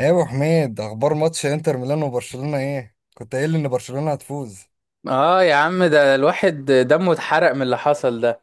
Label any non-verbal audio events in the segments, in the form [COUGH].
ايه يا ابو حميد، اخبار ماتش انتر ميلان وبرشلونه؟ ايه كنت قايل لي ان برشلونه هتفوز. اه يا عم، ده الواحد دمه اتحرق من اللي حصل ده.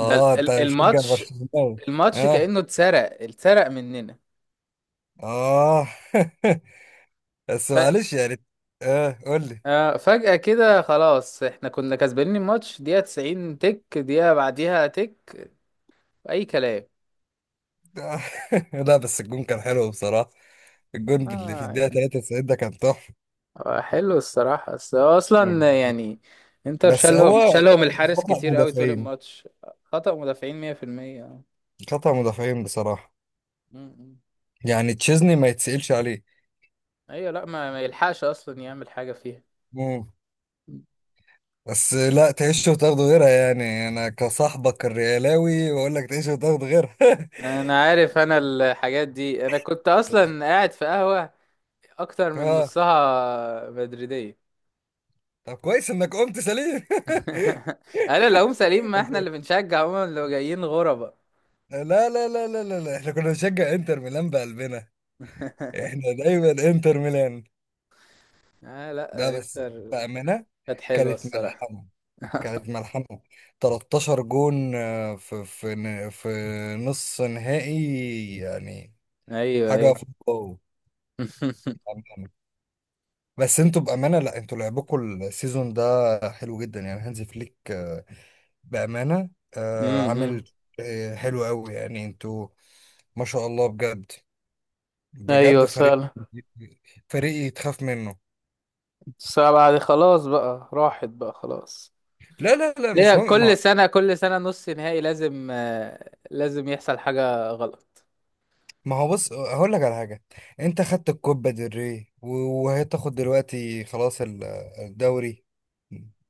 ده انت مشجع الماتش برشلونه؟ الماتش اه كأنه اتسرق مننا. اه [LAUGHS] بس ف... معلش يعني. اه قول لي. فجأة كده خلاص احنا كنا كسبانين الماتش دقيقة 90 تك، دقيقة بعديها تك. أي كلام. آه. [LAUGHS] لا بس الجون كان حلو بصراحه. الجون اللي في اه الدقيقه يعني 93 ده كان تحفه. حلو الصراحة، بس هو أصلا يعني انتر بس هو شالهم الحارس خطأ كتير قوي طول مدافعين. الماتش. خطأ مدافعين 100%. اه خطأ مدافعين بصراحه. م- م. يعني تشيزني ما يتسألش عليه. ايوه. لا، ما يلحقش أصلا يعمل حاجة فيها. مم. بس لا تعيش وتاخد غيرها، يعني انا كصاحبك الريالاوي بقول لك تعيش وتاخد غيرها. [LAUGHS] انا عارف، انا الحاجات دي انا كنت اصلا قاعد في قهوة اكتر من اه نصها مدريدية. طب كويس انك قمت سليم. [LAUGHS] انا اللي هم سليم، [LAUGHS] ما انت. احنا اللي بنشجع هم اللي جايين غربة. لا لا لا لا لا لا، احنا كنا بنشجع انتر ميلان بقلبنا. [LAUGHS] احنا دايما انتر ميلان. آه، ده لا بس انتر بأمانة. كانت حلوة كانت الصراحة. ملحمة. كانت [LAUGHS] ملحمة. 13 جون، في في نص نهائي يعني. ايوه حاجة ايوه. فوق الواو. [LAUGHS] بأمانة. بس انتوا بأمانة، لا انتوا لعبكم السيزون ده حلو جدا. يعني هانزي فليك، بأمانة، عامل، امم حلو قوي. يعني انتوا ما شاء الله بجد. بجد ايوه فريق. فعلا. فريق تخاف منه. السبعة دي خلاص بقى راحت بقى خلاص. لا لا لا ليه مش مهم. ما كل سنة كل سنة نص نهائي لازم لازم يحصل حاجة غلط؟ ما هو بص هقول لك على حاجة. انت خدت الكوبا ديل ري وهتاخد دلوقتي خلاص الدوري.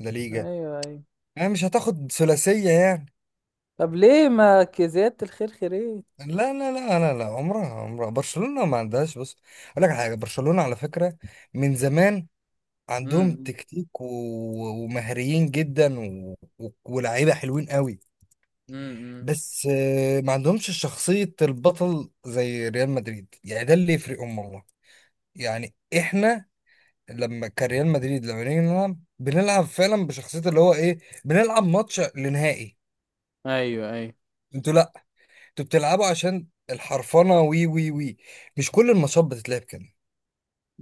لا، ليجا. ايوه ايوه. يعني مش هتاخد ثلاثية يعني. طب ليه ما زيادة الخير خيرين؟ لا لا لا لا لا، عمرها عمرها برشلونة ما عندهاش. بص اقول لك على حاجة، برشلونة على فكرة من زمان عندهم امم تكتيك ومهريين جدا، ولاعيبه حلوين قوي. امم بس ما عندهمش شخصية البطل زي ريال مدريد، يعني ده اللي يفرقهم والله. يعني احنا لما كريال مدريد لما نيجي نلعب بنلعب فعلا بشخصية، اللي هو ايه، بنلعب ماتش لنهائي. ايوه ايوه. انتوا لا، انتوا بتلعبوا عشان الحرفنة، وي وي وي. مش كل الماتشات بتتلعب كده.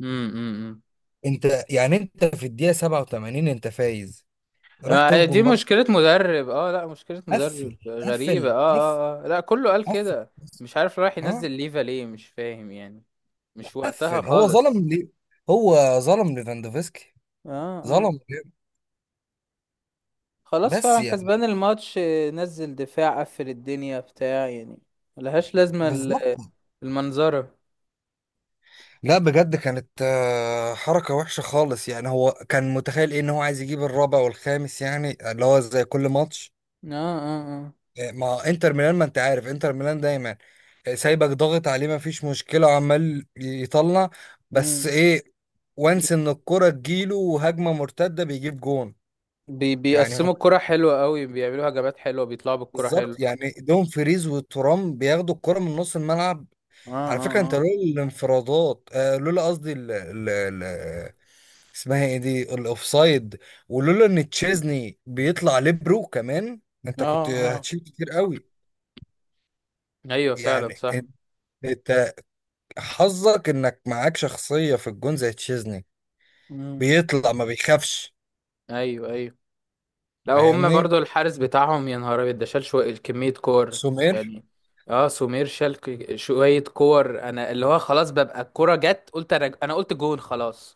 امم امم انت يعني انت في الدقيقة 87 انت فايز، راح دي تهجم برضه. مشكلة مدرب، لا مشكلة مدرب قفل غريبة. قفل قفل اه لا، كله قال قفل كده، بس. مش عارف رايح اه ينزل ليفا ليه، مش فاهم يعني، مش وقتها قفل. هو خالص. ظلم ليه؟ هو ظلم لفاندوفسكي. اه اه. ظلم ليه؟ خلاص بس فعلا كسبان يعني الماتش، نزل دفاع قفل الدنيا بتاع يعني. ملهاش لازمة بالظبط. المنظرة. لا بجد كانت حركة وحشة خالص. يعني هو كان متخيل ايه، ان هو عايز يجيب الرابع والخامس يعني، اللي هو زي كل ماتش اه اه اه مع انتر ميلان. ما انت عارف انتر ميلان دايما سايبك ضاغط عليه، ما فيش مشكلة، عمال يطلع. مم. بس ايه، وانس ان الكرة تجيله، وهجمة مرتدة بيجيب جون. يعني بيقسموا الكرة حلوة قوي، بيعملوا هجمات حلوة، بيطلعوا بالكرة بالظبط، حلوة. يعني دوم فريز وترام بياخدوا الكرة من نص الملعب. اه على فكرة انت اه لولا الانفرادات، آه لولا قصدي ال ال ال اسمها ايه دي، الاوفسايد، ولولا ان تشيزني بيطلع ليبرو كمان، اه انت كنت اه اه هتشيل كتير قوي. ايوه فعلا يعني صح. انت، انت، حظك انك معاك شخصية في الجون زي تشيزني، مم. بيطلع ما بيخافش. ايوه ايوه. لا هم فاهمني؟ برضو الحارس بتاعهم يا نهار ابيض، ده شال شوية كمية كور سومير. يعني. اه، سمير شال شوية كور، انا اللي هو خلاص ببقى الكرة جت، قلت انا قلت جون خلاص.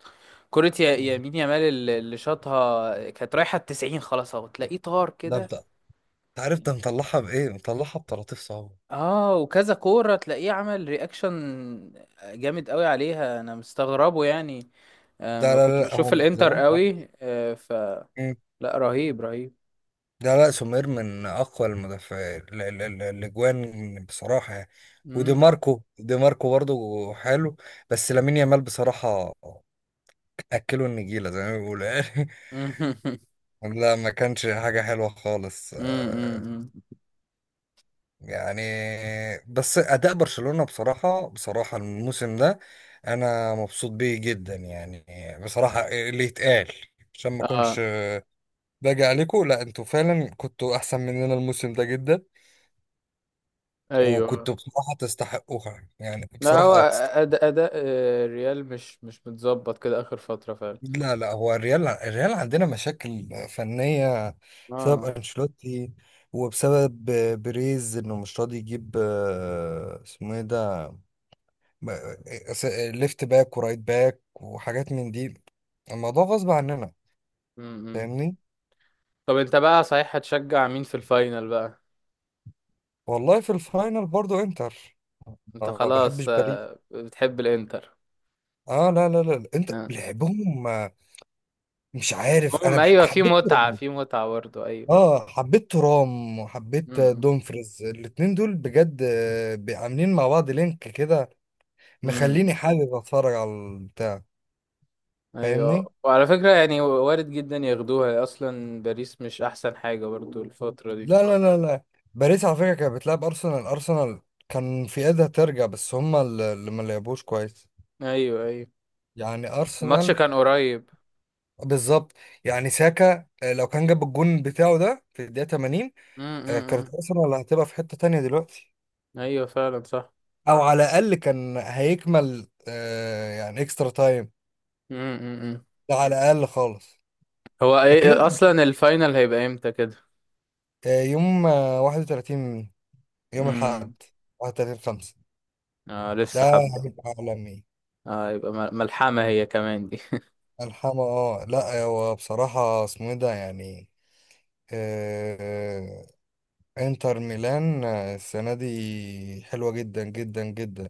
كرة يمين يامال، اللي شاطها كانت رايحة التسعين خلاص، اهو تلاقيه طار ده كده. انت، انت عارف ده مطلعها بايه، مطلعها بطراطيف صعبة. اه، وكذا كورة تلاقيه عمل رياكشن جامد قوي عليها، انا مستغربه يعني. ده ما لا كنتش لا لا، هو بشوف من الانتر زمان. قوي، آه، ف لا، رهيب رهيب. ده لا، سومير من اقوى المدافعين الاجوان بصراحه يعني. ودي مم. ماركو، دي ماركو برضه حلو. بس لامين يامال بصراحه، اكله النجيله زي ما بيقولوا يعني. [LAUGHS] [LAUGHS] لا ما كانش حاجه حلوه خالص امم يعني. بس اداء برشلونه بصراحه، بصراحه الموسم ده انا مبسوط بيه جدا يعني. بصراحه اللي يتقال، عشان ما اكونش اه باجي عليكم، لا انتوا فعلا كنتوا احسن مننا الموسم ده جدا. وكنت ايوه. بصراحة تستحقوها، يعني لا، بصراحة هو اه تستحق. اداء الريال مش متظبط كده اخر فترة فعلا. لا لا، هو الريال، الريال عندنا مشاكل فنية بسبب اه. أنشيلوتي وبسبب بيريز، إنه مش راضي يجيب اسمه إيه ده، ب- س- ليفت باك ورايت باك وحاجات من دي. الموضوع غصب عننا. امم فاهمني؟ طب انت بقى صحيح هتشجع مين في الفاينل بقى؟ والله في الفاينل برضو انتر. انت أنا ما بحبش خلاص باريس. بتحب الانتر. اه لا لا لا، انت آه. لعبهم مش عارف، انا المهم ايوه، في حبيت. متعة في متعة برضه، ايوه. اه حبيت ترام وحبيت امم دومفريز، الاتنين دول بجد، عاملين مع بعض لينك كده، امم مخليني حابب اتفرج على البتاع. ايوه. فاهمني؟ وعلى فكرة يعني وارد جدا ياخدوها، اصلا باريس مش احسن حاجة برضو الفترة دي. لا لا لا لا. باريس على فكرة كانت بتلعب ارسنال، ارسنال كان في ايدها ترجع، بس هما اللي ما لعبوش كويس. ايوه ايوه. يعني الماتش ارسنال، كان قريب. بالظبط. يعني ساكا، لو كان جاب الجون بتاعه ده في الدقيقة 80، امم امم، كانت امم. ارسنال هتبقى في حتة تانية دلوقتي. ايوه فعلا صح. او على الاقل كان هيكمل يعني اكسترا تايم. امم امم، امم. ده على الاقل خالص. هو ايه لكن انت اصلا الفاينل هيبقى امتى كده؟ يوم 31، يوم الاحد امم 31 5. اه، ده لسه حبة. هيبقى عالمي. اه، يبقى ملحمة هي كمان دي. [LAUGHS] الحما، اه لا، هو بصراحة اسمه ايه ده يعني، آه، انتر ميلان السنة دي حلوة جدا جدا جدا.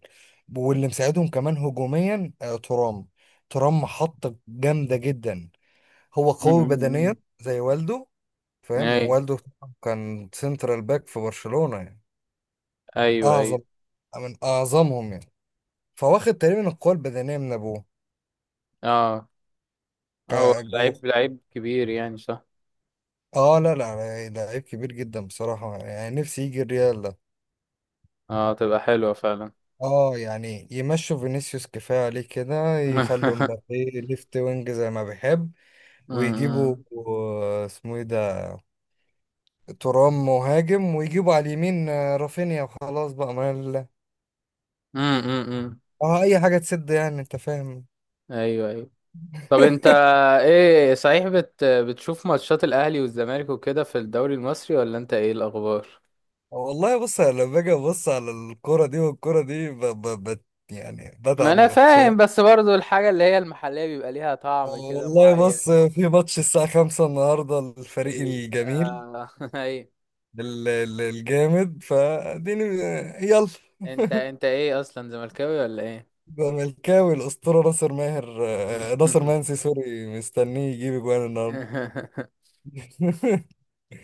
واللي مساعدهم كمان هجوميا ترام. ترام محطة جامدة جدا. هو امم قوي بدنيا امم، زي والده. فاهم ايوه والده؟ كان سنترال باك في برشلونة يعني. ايوه ايوه. اعظم، من اعظمهم يعني. فواخد تقريبا القوة البدنية من ابوه اه هو كجوه. لعيب لعيب كبير يعني صح. اه لا لا، ده عيب كبير جدا بصراحة، يعني نفسي يجي الريال ده. اه، تبقى حلوة فعلا. اه يعني يمشوا فينيسيوس كفاية عليه كده، يخلوا [LAUGHS] مبابي ليفت وينج زي ما بيحب، ويجيبوا امم اسمه ايه ده، ترام مهاجم، ويجيبوا على اليمين رافينيا. وخلاص بقى، ما امم اه، اي حاجة تسد يعني، انت فاهم. ايوه ايوه. طب انت [LAUGHS] ايه صحيح، بتشوف ماتشات الاهلي والزمالك وكده في الدوري المصري ولا انت ايه الاخبار؟ والله بص، أنا لما باجي ابص على الكرة دي، والكرة دي يعني ما بتعب انا نفسيا. فاهم، بس برضو الحاجه اللي هي المحليه بيبقى ليها طعم كده والله معين. بص، في ماتش الساعة خمسة النهاردة، الفريق ال الجميل، آه... [LAUGHS] ايوه. الجامد فاديني. يلا. انت ايه اصلا، زملكاوي ولا ايه؟ زملكاوي الأسطورة ناصر ماهر، ناصر منسي، سوري مستنيه يجيب اجوان النهاردة. [LAUGHS] [LAUGHS]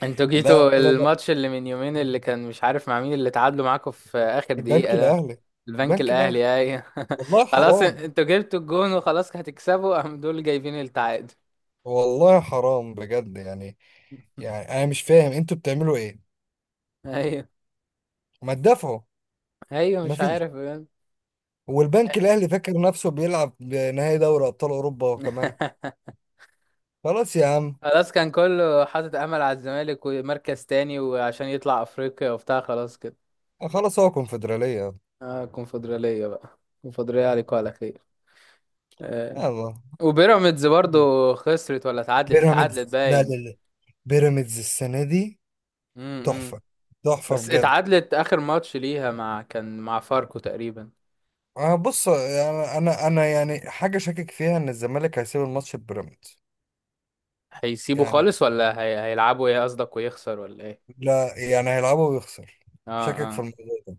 انتوا لا جيتوا لا لا، الماتش اللي من يومين اللي كان مش عارف مع مين، اللي تعادلوا معاكم في اخر البنك دقيقة ده، الأهلي، البنك البنك الأهلي. الاهلي؟ اي. والله [LAUGHS] خلاص، حرام. انتوا جبتوا الجون وخلاص هتكسبوا، قام دول جايبين التعادل. والله حرام بجد يعني. يعني أنا مش فاهم أنتوا بتعملوا إيه؟ ايوه ما تدافعوا. ايوه، مش مفيش. عارف بجد. والبنك الاهلي فاكر نفسه بيلعب نهائي دوري ابطال اوروبا وكمان. [LAUGHS] خلاص يا عم. خلاص كان كله حاطط امل على الزمالك ومركز تاني، وعشان يطلع افريقيا وبتاع خلاص كده. خلاص، هو كونفدراليه. اه كونفدرالية بقى، كونفدرالية عليكم على خير. آه. يلا. وبيراميدز برضو خسرت ولا اتعادلت بيراميدز لا لا باين. لا، بيراميدز السنه دي امم تحفه. تحفه بس بجد. اتعادلت اخر ماتش ليها مع كان مع فاركو تقريبا. أه بص، انا انا أنا يعني حاجه شاكك فيها، ان الزمالك هيسيب الماتش ببيراميدز. هيسيبوا يعني خالص ولا هيلعبوا ايه قصدك، ويخسر ولا ايه؟ لا، يعني هيلعبه ويخسر. اه شاكك في اه. الموضوع ده.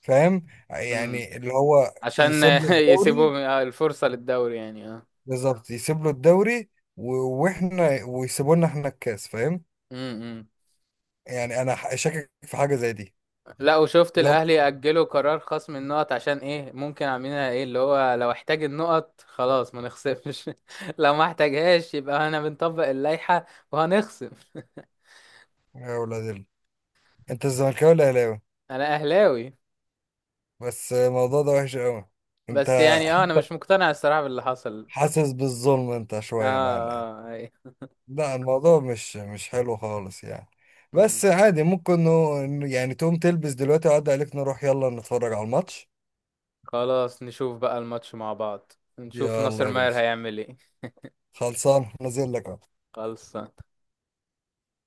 فاهم امم يعني اللي هو عشان يسيب له [LAUGHS] الدوري. يسيبوا الفرصة للدوري يعني، اه. بالظبط، يسيب له الدوري و... واحنا، ويسيبوا لنا احنا الكاس. فاهم؟ امم يعني انا شاكك في حاجه زي دي. لا، وشفت لا، الاهلي يأجلوا قرار خصم النقط عشان ايه؟ ممكن عاملينها ايه اللي هو لو احتاج النقط خلاص ما نخصمش، [LAUGHS] لو ما احتاجهاش يبقى انا بنطبق اللائحة وهنخصم. يا ولاد انت الزملكاوي ولا اهلاوي؟ انا اهلاوي، بس الموضوع ده وحش قوي. انت بس يعني اه انا مش حتى مقتنع الصراحة باللي حصل. حاسس بالظلم انت اه شويه معانا يعني. اه. لا الموضوع مش حلو خالص يعني. أي. بس عادي، ممكن يعني تقوم تلبس دلوقتي وعدي عليك نروح، يلا نتفرج على الماتش. خلاص نشوف بقى الماتش مع بعض، نشوف يلا ناصر يا ماهر باشا، هيعمل ايه. خلصان نازل لك اهو. خلصان.